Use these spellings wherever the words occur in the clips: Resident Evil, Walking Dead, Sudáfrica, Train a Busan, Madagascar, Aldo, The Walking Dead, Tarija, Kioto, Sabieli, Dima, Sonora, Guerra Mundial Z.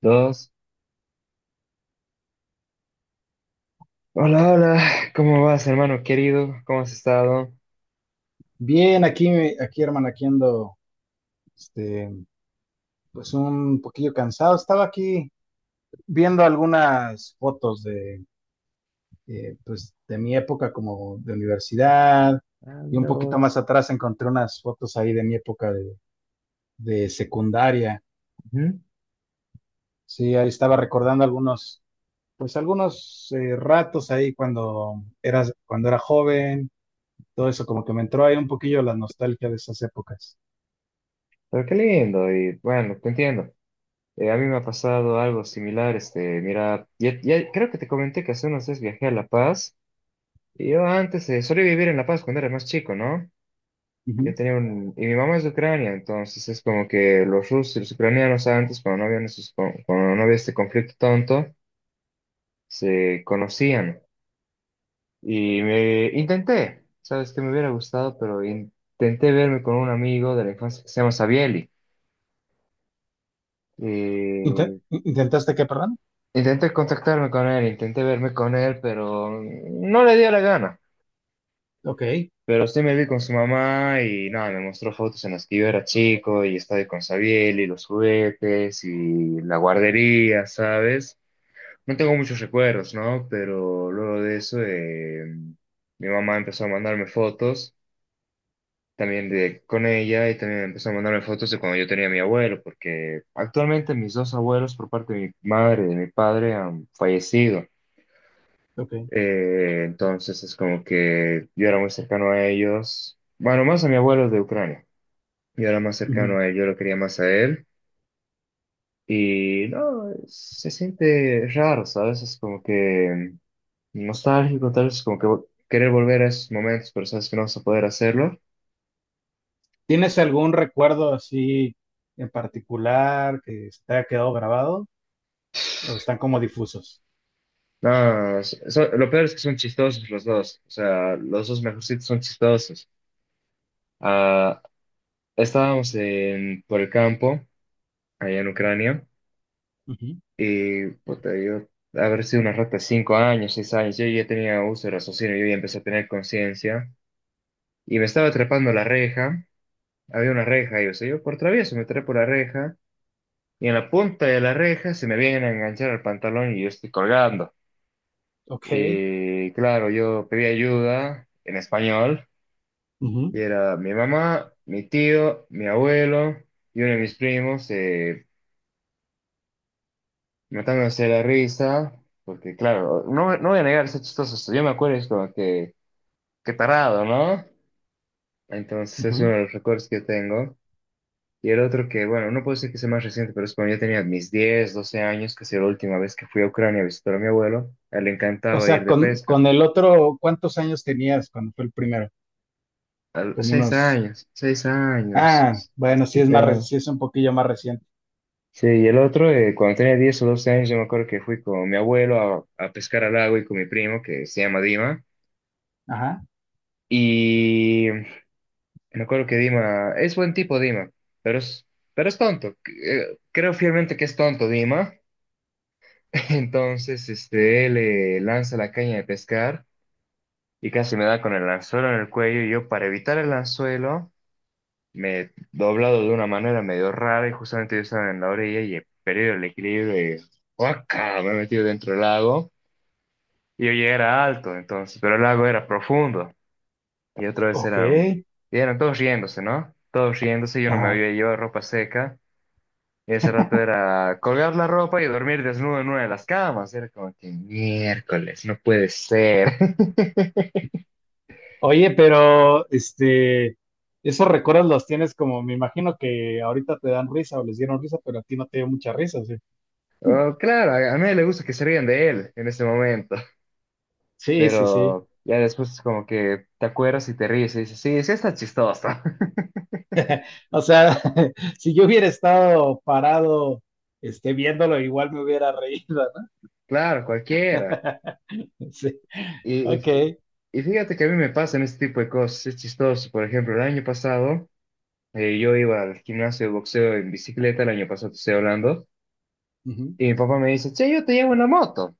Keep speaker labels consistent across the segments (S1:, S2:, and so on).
S1: Dos. Hola, hola. ¿Cómo vas, hermano querido? ¿Cómo has estado?
S2: Bien, aquí, aquí, hermano, aquí ando, este, pues un poquillo cansado. Estaba aquí viendo algunas fotos pues, de mi época como de universidad
S1: Ah,
S2: y un
S1: mira
S2: poquito más
S1: vos.
S2: atrás encontré unas fotos ahí de mi época de secundaria.
S1: Ujú.
S2: Sí, ahí estaba recordando, pues, algunos ratos ahí cuando era joven. Todo eso como que me entró ahí un poquillo la nostalgia de esas épocas.
S1: Pero qué lindo. Y bueno, te entiendo. A mí me ha pasado algo similar. Este, mira, ya creo que te comenté que hace unos días viajé a La Paz. Y yo antes solía vivir en La Paz cuando era más chico, ¿no? Yo
S2: Ujú.
S1: tenía un... Y mi mamá es de Ucrania, entonces es como que los rusos y los ucranianos antes, cuando no había este conflicto tonto, se conocían. Sabes que me hubiera gustado, pero intenté verme con un amigo de la infancia que se llama Sabieli. Eh,
S2: ¿Intentaste qué, perdón?
S1: intenté contactarme con él, intenté verme con él, pero no le dio la gana.
S2: Ok,
S1: Pero sí me vi con su mamá y nada, me mostró fotos en las que yo era chico y estaba ahí con Sabieli, los juguetes y la guardería, ¿sabes? No tengo muchos recuerdos, ¿no? Pero luego de eso, mi mamá empezó a mandarme fotos también de, con ella y también empezó a mandarme fotos de cuando yo tenía a mi abuelo, porque actualmente mis dos abuelos por parte de mi madre y de mi padre han fallecido.
S2: ok.
S1: Entonces es como que yo era muy cercano a ellos, bueno, más a mi abuelo de Ucrania. Yo era más
S2: Ujú.
S1: cercano a él, yo lo quería más a él. Y no, se siente raro, ¿sabes? Es como que nostálgico, tal vez como que querer volver a esos momentos, pero sabes que no vas a poder hacerlo.
S2: ¿Tienes algún recuerdo así en particular que se te haya quedado grabado o están como difusos?
S1: No, lo peor es que son chistosos los dos. O sea, los dos mejorcitos son chistosos. Ah, estábamos en, por el campo, allá en Ucrania,
S2: Ujú.
S1: y puta, yo, haber sido una rata de 5 años, 6 años, yo ya tenía uso de raciocinio, yo ya empecé a tener conciencia, y me estaba trepando la reja. Había una reja, y o sea, yo por travieso me trepo la reja, y en la punta de la reja se me vienen a enganchar al pantalón y yo estoy colgando.
S2: Ok.
S1: Y claro, yo pedí ayuda en español.
S2: Ujú,
S1: Y era mi mamá, mi tío, mi abuelo y uno de mis primos matándose de la risa, porque claro, no, no voy a negar, es chistoso. Yo me acuerdo, es como que, qué tarado, ¿no? Entonces es uno
S2: ujú.
S1: de los recuerdos que tengo. Y el otro que, bueno, no puedo decir que sea más reciente, pero es cuando yo tenía mis 10, 12 años, que fue la última vez que fui a Ucrania a visitar a mi abuelo. A él le
S2: O
S1: encantaba ir
S2: sea,
S1: de
S2: con,
S1: pesca.
S2: con el otro, ¿cuántos años tenías cuando fue el primero?
S1: A los
S2: Como
S1: 6
S2: unos.
S1: años, 6 años.
S2: Ah, bueno, sí es
S1: siete
S2: más,
S1: años.
S2: sí es un poquillo más reciente.
S1: Sí, y el otro, cuando tenía 10 o 12 años, yo me acuerdo que fui con mi abuelo a pescar al lago y con mi primo, que se llama Dima.
S2: Ajá.
S1: Y me acuerdo que Dima, es buen tipo Dima, pero es, pero es tonto. Creo fielmente que es tonto Dima. Entonces, este, él lanza la caña de pescar y casi me da con el anzuelo en el cuello. Y yo, para evitar el anzuelo, me he doblado de una manera medio rara y justamente yo estaba en la orilla y he perdido el equilibrio y ¡guaca! Me he metido dentro del lago. Y yo ya era alto, entonces, pero el lago era profundo. Y otra vez
S2: Ok.
S1: eran, y eran todos riéndose, ¿no? Todos riéndose, yo no me
S2: Ajá.
S1: había llevado ropa seca. Y ese rato era colgar la ropa y dormir desnudo en una de las camas. Era como que miércoles, no puede ser.
S2: Oye, pero esos recuerdos los tienes como, me imagino que ahorita te dan risa o les dieron risa, pero a ti no te dio mucha risa, ¿sí?
S1: Oh, claro, a nadie le gusta que se rían de él en ese momento.
S2: Sí, sí, sí.
S1: Pero ya después es como que te acuerdas y te ríes y dices, sí, sí está chistoso.
S2: O sea, si yo hubiera estado parado viéndolo, igual me hubiera reído, ¿no?
S1: Claro, cualquiera.
S2: Sí.
S1: Y,
S2: Ok.
S1: y- Fíjate que a mí me pasan este tipo de cosas, es chistoso. Por ejemplo, el año pasado yo iba al gimnasio de boxeo en bicicleta, el año pasado te estoy hablando,
S2: Ujú.
S1: y mi papá me dice, che, yo te llevo en la moto.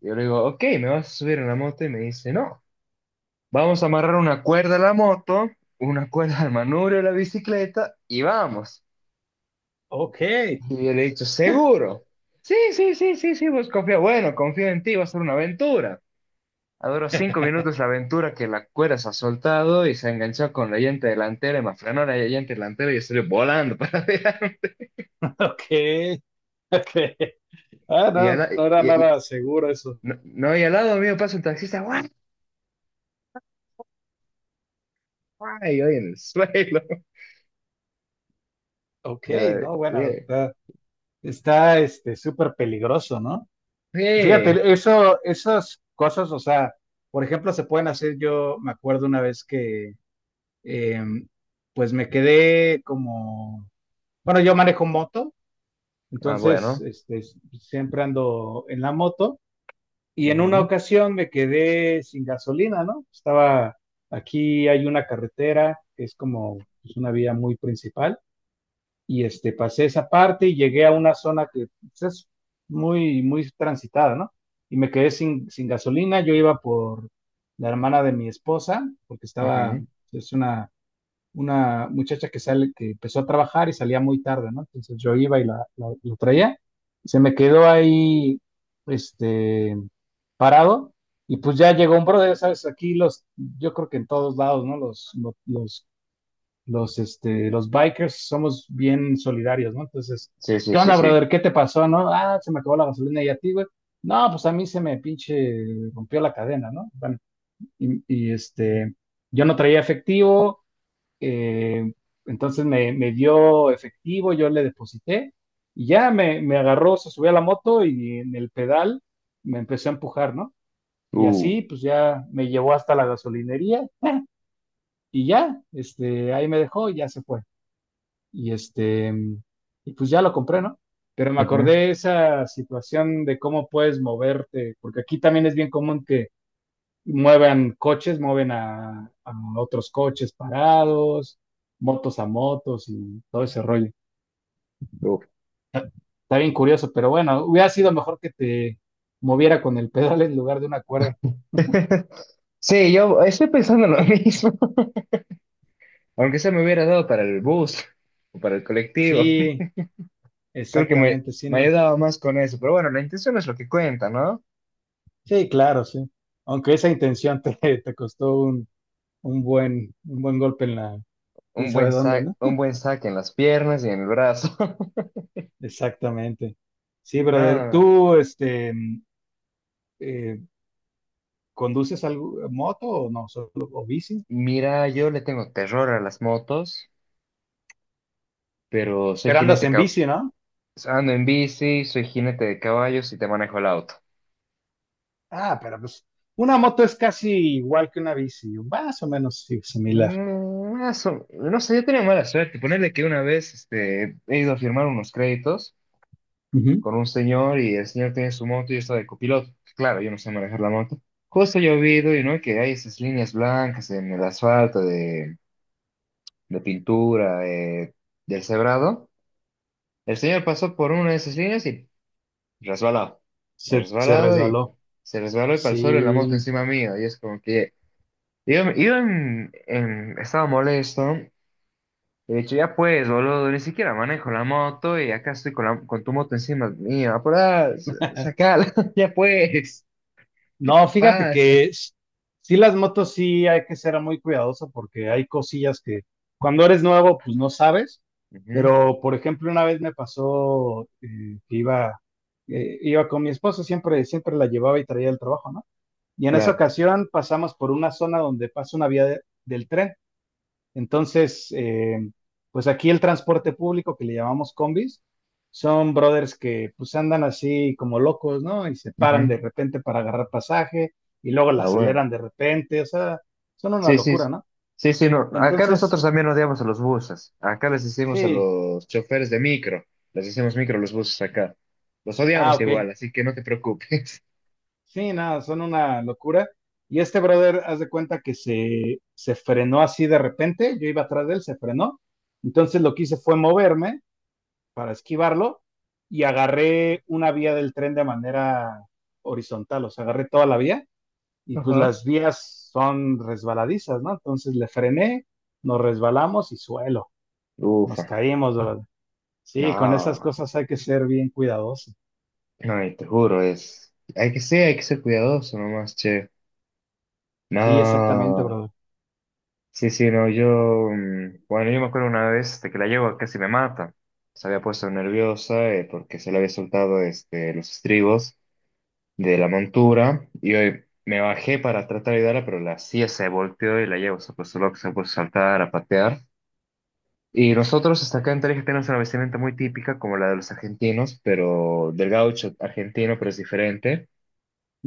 S1: Yo le digo, ok, ¿me vas a subir en la moto? Y me dice, no, vamos a amarrar una cuerda a la moto, una cuerda al manubrio de la bicicleta y vamos.
S2: Ok.
S1: Y yo le he dicho, ¿seguro? Sí, sí, sí, sí, sí, vos confía, bueno, confío en ti, va a ser una aventura. Duró 5 minutos la aventura que la cuerda se ha soltado y se enganchó con la llanta delantera y me frenó la llanta delantera y estoy volando para allá.
S2: Ok. Ok. Ah,
S1: Y, al,
S2: no,
S1: la-
S2: no era
S1: y-
S2: nada seguro eso.
S1: No, no, y al lado mío pasa un taxista, ¡guau! Guau", y yo en el suelo.
S2: Ok,
S1: Y yo,
S2: no, bueno,
S1: "Yeah,
S2: está súper peligroso, ¿no?
S1: yeah".
S2: Fíjate, eso, esas cosas, o sea, por ejemplo, se pueden hacer. Yo me acuerdo una vez que, em, pues me quedé como, bueno, yo manejo moto.
S1: Ah,
S2: Entonces,
S1: bueno.
S2: siempre ando en la moto y en una
S1: Ujú,
S2: ocasión me quedé sin gasolina, ¿no? Estaba aquí, hay una carretera que es como, pues, una vía muy principal, y pasé esa parte y llegué a una zona que, pues, es muy, muy transitada, ¿no? Y me quedé sin gasolina. Yo iba por la hermana de mi esposa, porque estaba,
S1: ujú.
S2: es una muchacha que sale, que empezó a trabajar y salía muy tarde, ¿no? Entonces yo iba y lo traía, se me quedó ahí, este, parado, y pues ya llegó un brother, ¿sabes? Aquí yo creo que en todos lados, ¿no?, Los, lo- los, este, los bikers somos bien solidarios, ¿no? Entonces,
S1: Sí, sí,
S2: ¿qué
S1: sí,
S2: onda,
S1: sí.
S2: brother? ¿Qué te pasó, no? Ah, se me acabó la gasolina. ¿Y a ti, güey? No, pues a mí se me pinche rompió la cadena, ¿no? Bueno, y yo no traía efectivo, eh, entonces me dio efectivo, yo le deposité, y ya me agarró, se subió a la moto y en el pedal me empezó a empujar, ¿no? Y
S1: Uh,
S2: así pues ya me llevó hasta la gasolinería, y ya, ahí me dejó y ya se fue. Y y pues ya lo compré, ¿no? Pero me
S1: ujú,
S2: acordé esa situación de cómo puedes moverte, porque aquí también es bien común que muevan coches, mueven a otros coches parados, motos a motos y todo ese rollo.
S1: uh.
S2: Está bien curioso, pero bueno, hubiera sido mejor que te moviera con el pedal en lugar de una cuerda.
S1: Sí, yo estoy pensando lo mismo. Aunque se me hubiera dado para el bus o para el colectivo.
S2: Sí,
S1: Creo que me,
S2: exactamente, sí,
S1: me
S2: no.
S1: ayudaba más con eso, pero bueno, la intención es lo que cuenta, ¿no?
S2: Sí, claro, sí. Aunque esa intención te, te costó un buen golpe en la, quién sabe dónde, ¿no?
S1: Un buen saque en las piernas y en el brazo.
S2: Exactamente. Sí, brother,
S1: No,
S2: ¿tú eh, conduces algo, moto o no? ¿O bici?
S1: mira, yo le tengo terror a las motos, pero soy
S2: Pero andas
S1: jinete,
S2: en bici, ¿no?
S1: ando en bici, soy jinete de caballos y te manejo el auto.
S2: Ah, pero pues una moto es casi igual que una bici, más o menos sí, similar.
S1: Mm, no sé, yo tenía mala suerte. Ponerle que una vez este, he ido a firmar unos créditos
S2: Ujú.
S1: con un señor y el señor tiene su moto y yo estaba de copiloto. Claro, yo no sé manejar la moto. Justo llovido y no que hay esas líneas blancas en el asfalto de pintura del cebrado. El señor pasó por una de esas líneas y resbalado.
S2: Se
S1: Resbalado y
S2: resbaló.
S1: se resbaló y pasó la moto
S2: Sí.
S1: encima mío. Y es como que yo estaba molesto y he dicho, ya pues, boludo, ni siquiera manejo la moto y acá estoy con, con tu moto encima mía. Apurá, sacala, ya pues.
S2: No, fíjate
S1: Pasa.
S2: que sí, las motos sí hay que ser muy cuidadoso, porque hay cosillas que cuando eres nuevo pues no sabes.
S1: Ujú,
S2: Pero por ejemplo una vez me pasó, que iba con mi esposa, siempre siempre la llevaba y traía el trabajo, ¿no? Y en esa
S1: claro.
S2: ocasión pasamos por una zona donde pasa una vía del tren. Entonces, pues aquí el transporte público, que le llamamos combis, son brothers que pues andan así como locos, ¿no? Y se
S1: Ujú.
S2: paran de repente para agarrar pasaje y luego la
S1: Ah, bueno.
S2: aceleran de repente, o sea, son una
S1: Sí, sí.
S2: locura,
S1: Sí,
S2: ¿no?
S1: sí, sí, no. Acá
S2: Entonces,
S1: nosotros también odiamos a los buses. Acá les decimos a
S2: sí,
S1: los choferes de micro. Les decimos micro a los buses acá. Los
S2: ah,
S1: odiamos
S2: ok,
S1: igual, así que no te preocupes.
S2: sí, nada, son una locura. Y este brother, haz de cuenta que se frenó así de repente, yo iba atrás de él, se frenó. Entonces lo que hice fue moverme para esquivarlo, y agarré una vía del tren de manera horizontal, o sea, agarré toda la vía, y pues
S1: Ajá.
S2: las vías son resbaladizas, ¿no? Entonces le frené, nos resbalamos y suelo, nos
S1: Ufa.
S2: caímos, brother. Sí, con esas
S1: No.
S2: cosas hay que ser bien cuidadoso.
S1: No, y te juro, es. Hay que ser cuidadoso nomás, che.
S2: Sí, exactamente,
S1: No.
S2: brother.
S1: Sí, sí, no, yo, bueno, yo me acuerdo una vez de que la yegua casi me mata. Se había puesto nerviosa porque se le había soltado los estribos de la montura y hoy me bajé para tratar de ayudarla, pero la silla se volteó y la yegua se puso loca, se puso a saltar, a patear. Y nosotros hasta acá en Tarija tenemos una vestimenta muy típica como la de los argentinos, pero del gaucho argentino, pero es diferente,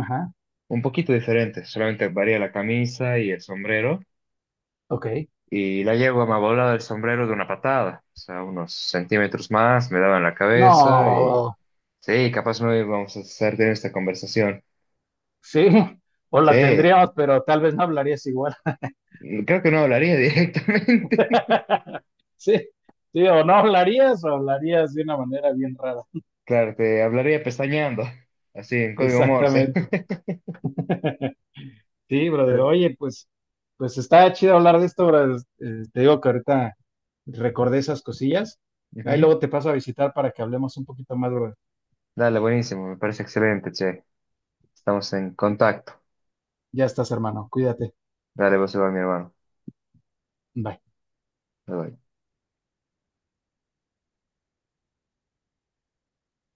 S2: Ajá,
S1: un poquito diferente, solamente varía la camisa y el sombrero.
S2: ok.
S1: Y la yegua me ha volado el sombrero de una patada, o sea, unos centímetros más, me daba en la cabeza y
S2: No,
S1: sí, capaz no íbamos a estar en esta conversación.
S2: sí, o la
S1: Sí,
S2: tendríamos, pero tal vez no hablarías igual.
S1: creo que no hablaría directamente.
S2: Sí, sí, o no hablarías o hablarías de una manera bien rara.
S1: Claro, te hablaría pestañeando, así en código Morse.
S2: Exactamente. Sí, brother.
S1: Pero-
S2: Oye, pues, está chido hablar de esto, brother. Te digo que ahorita recordé esas cosillas. Ahí
S1: Ujú.
S2: luego te paso a visitar para que hablemos un poquito más, brother.
S1: Dale, buenísimo, me parece excelente, che. Estamos en contacto.
S2: Ya estás, hermano. Cuídate.
S1: Dale, vos igual, mi hermano.
S2: Bye.
S1: Bye, bye.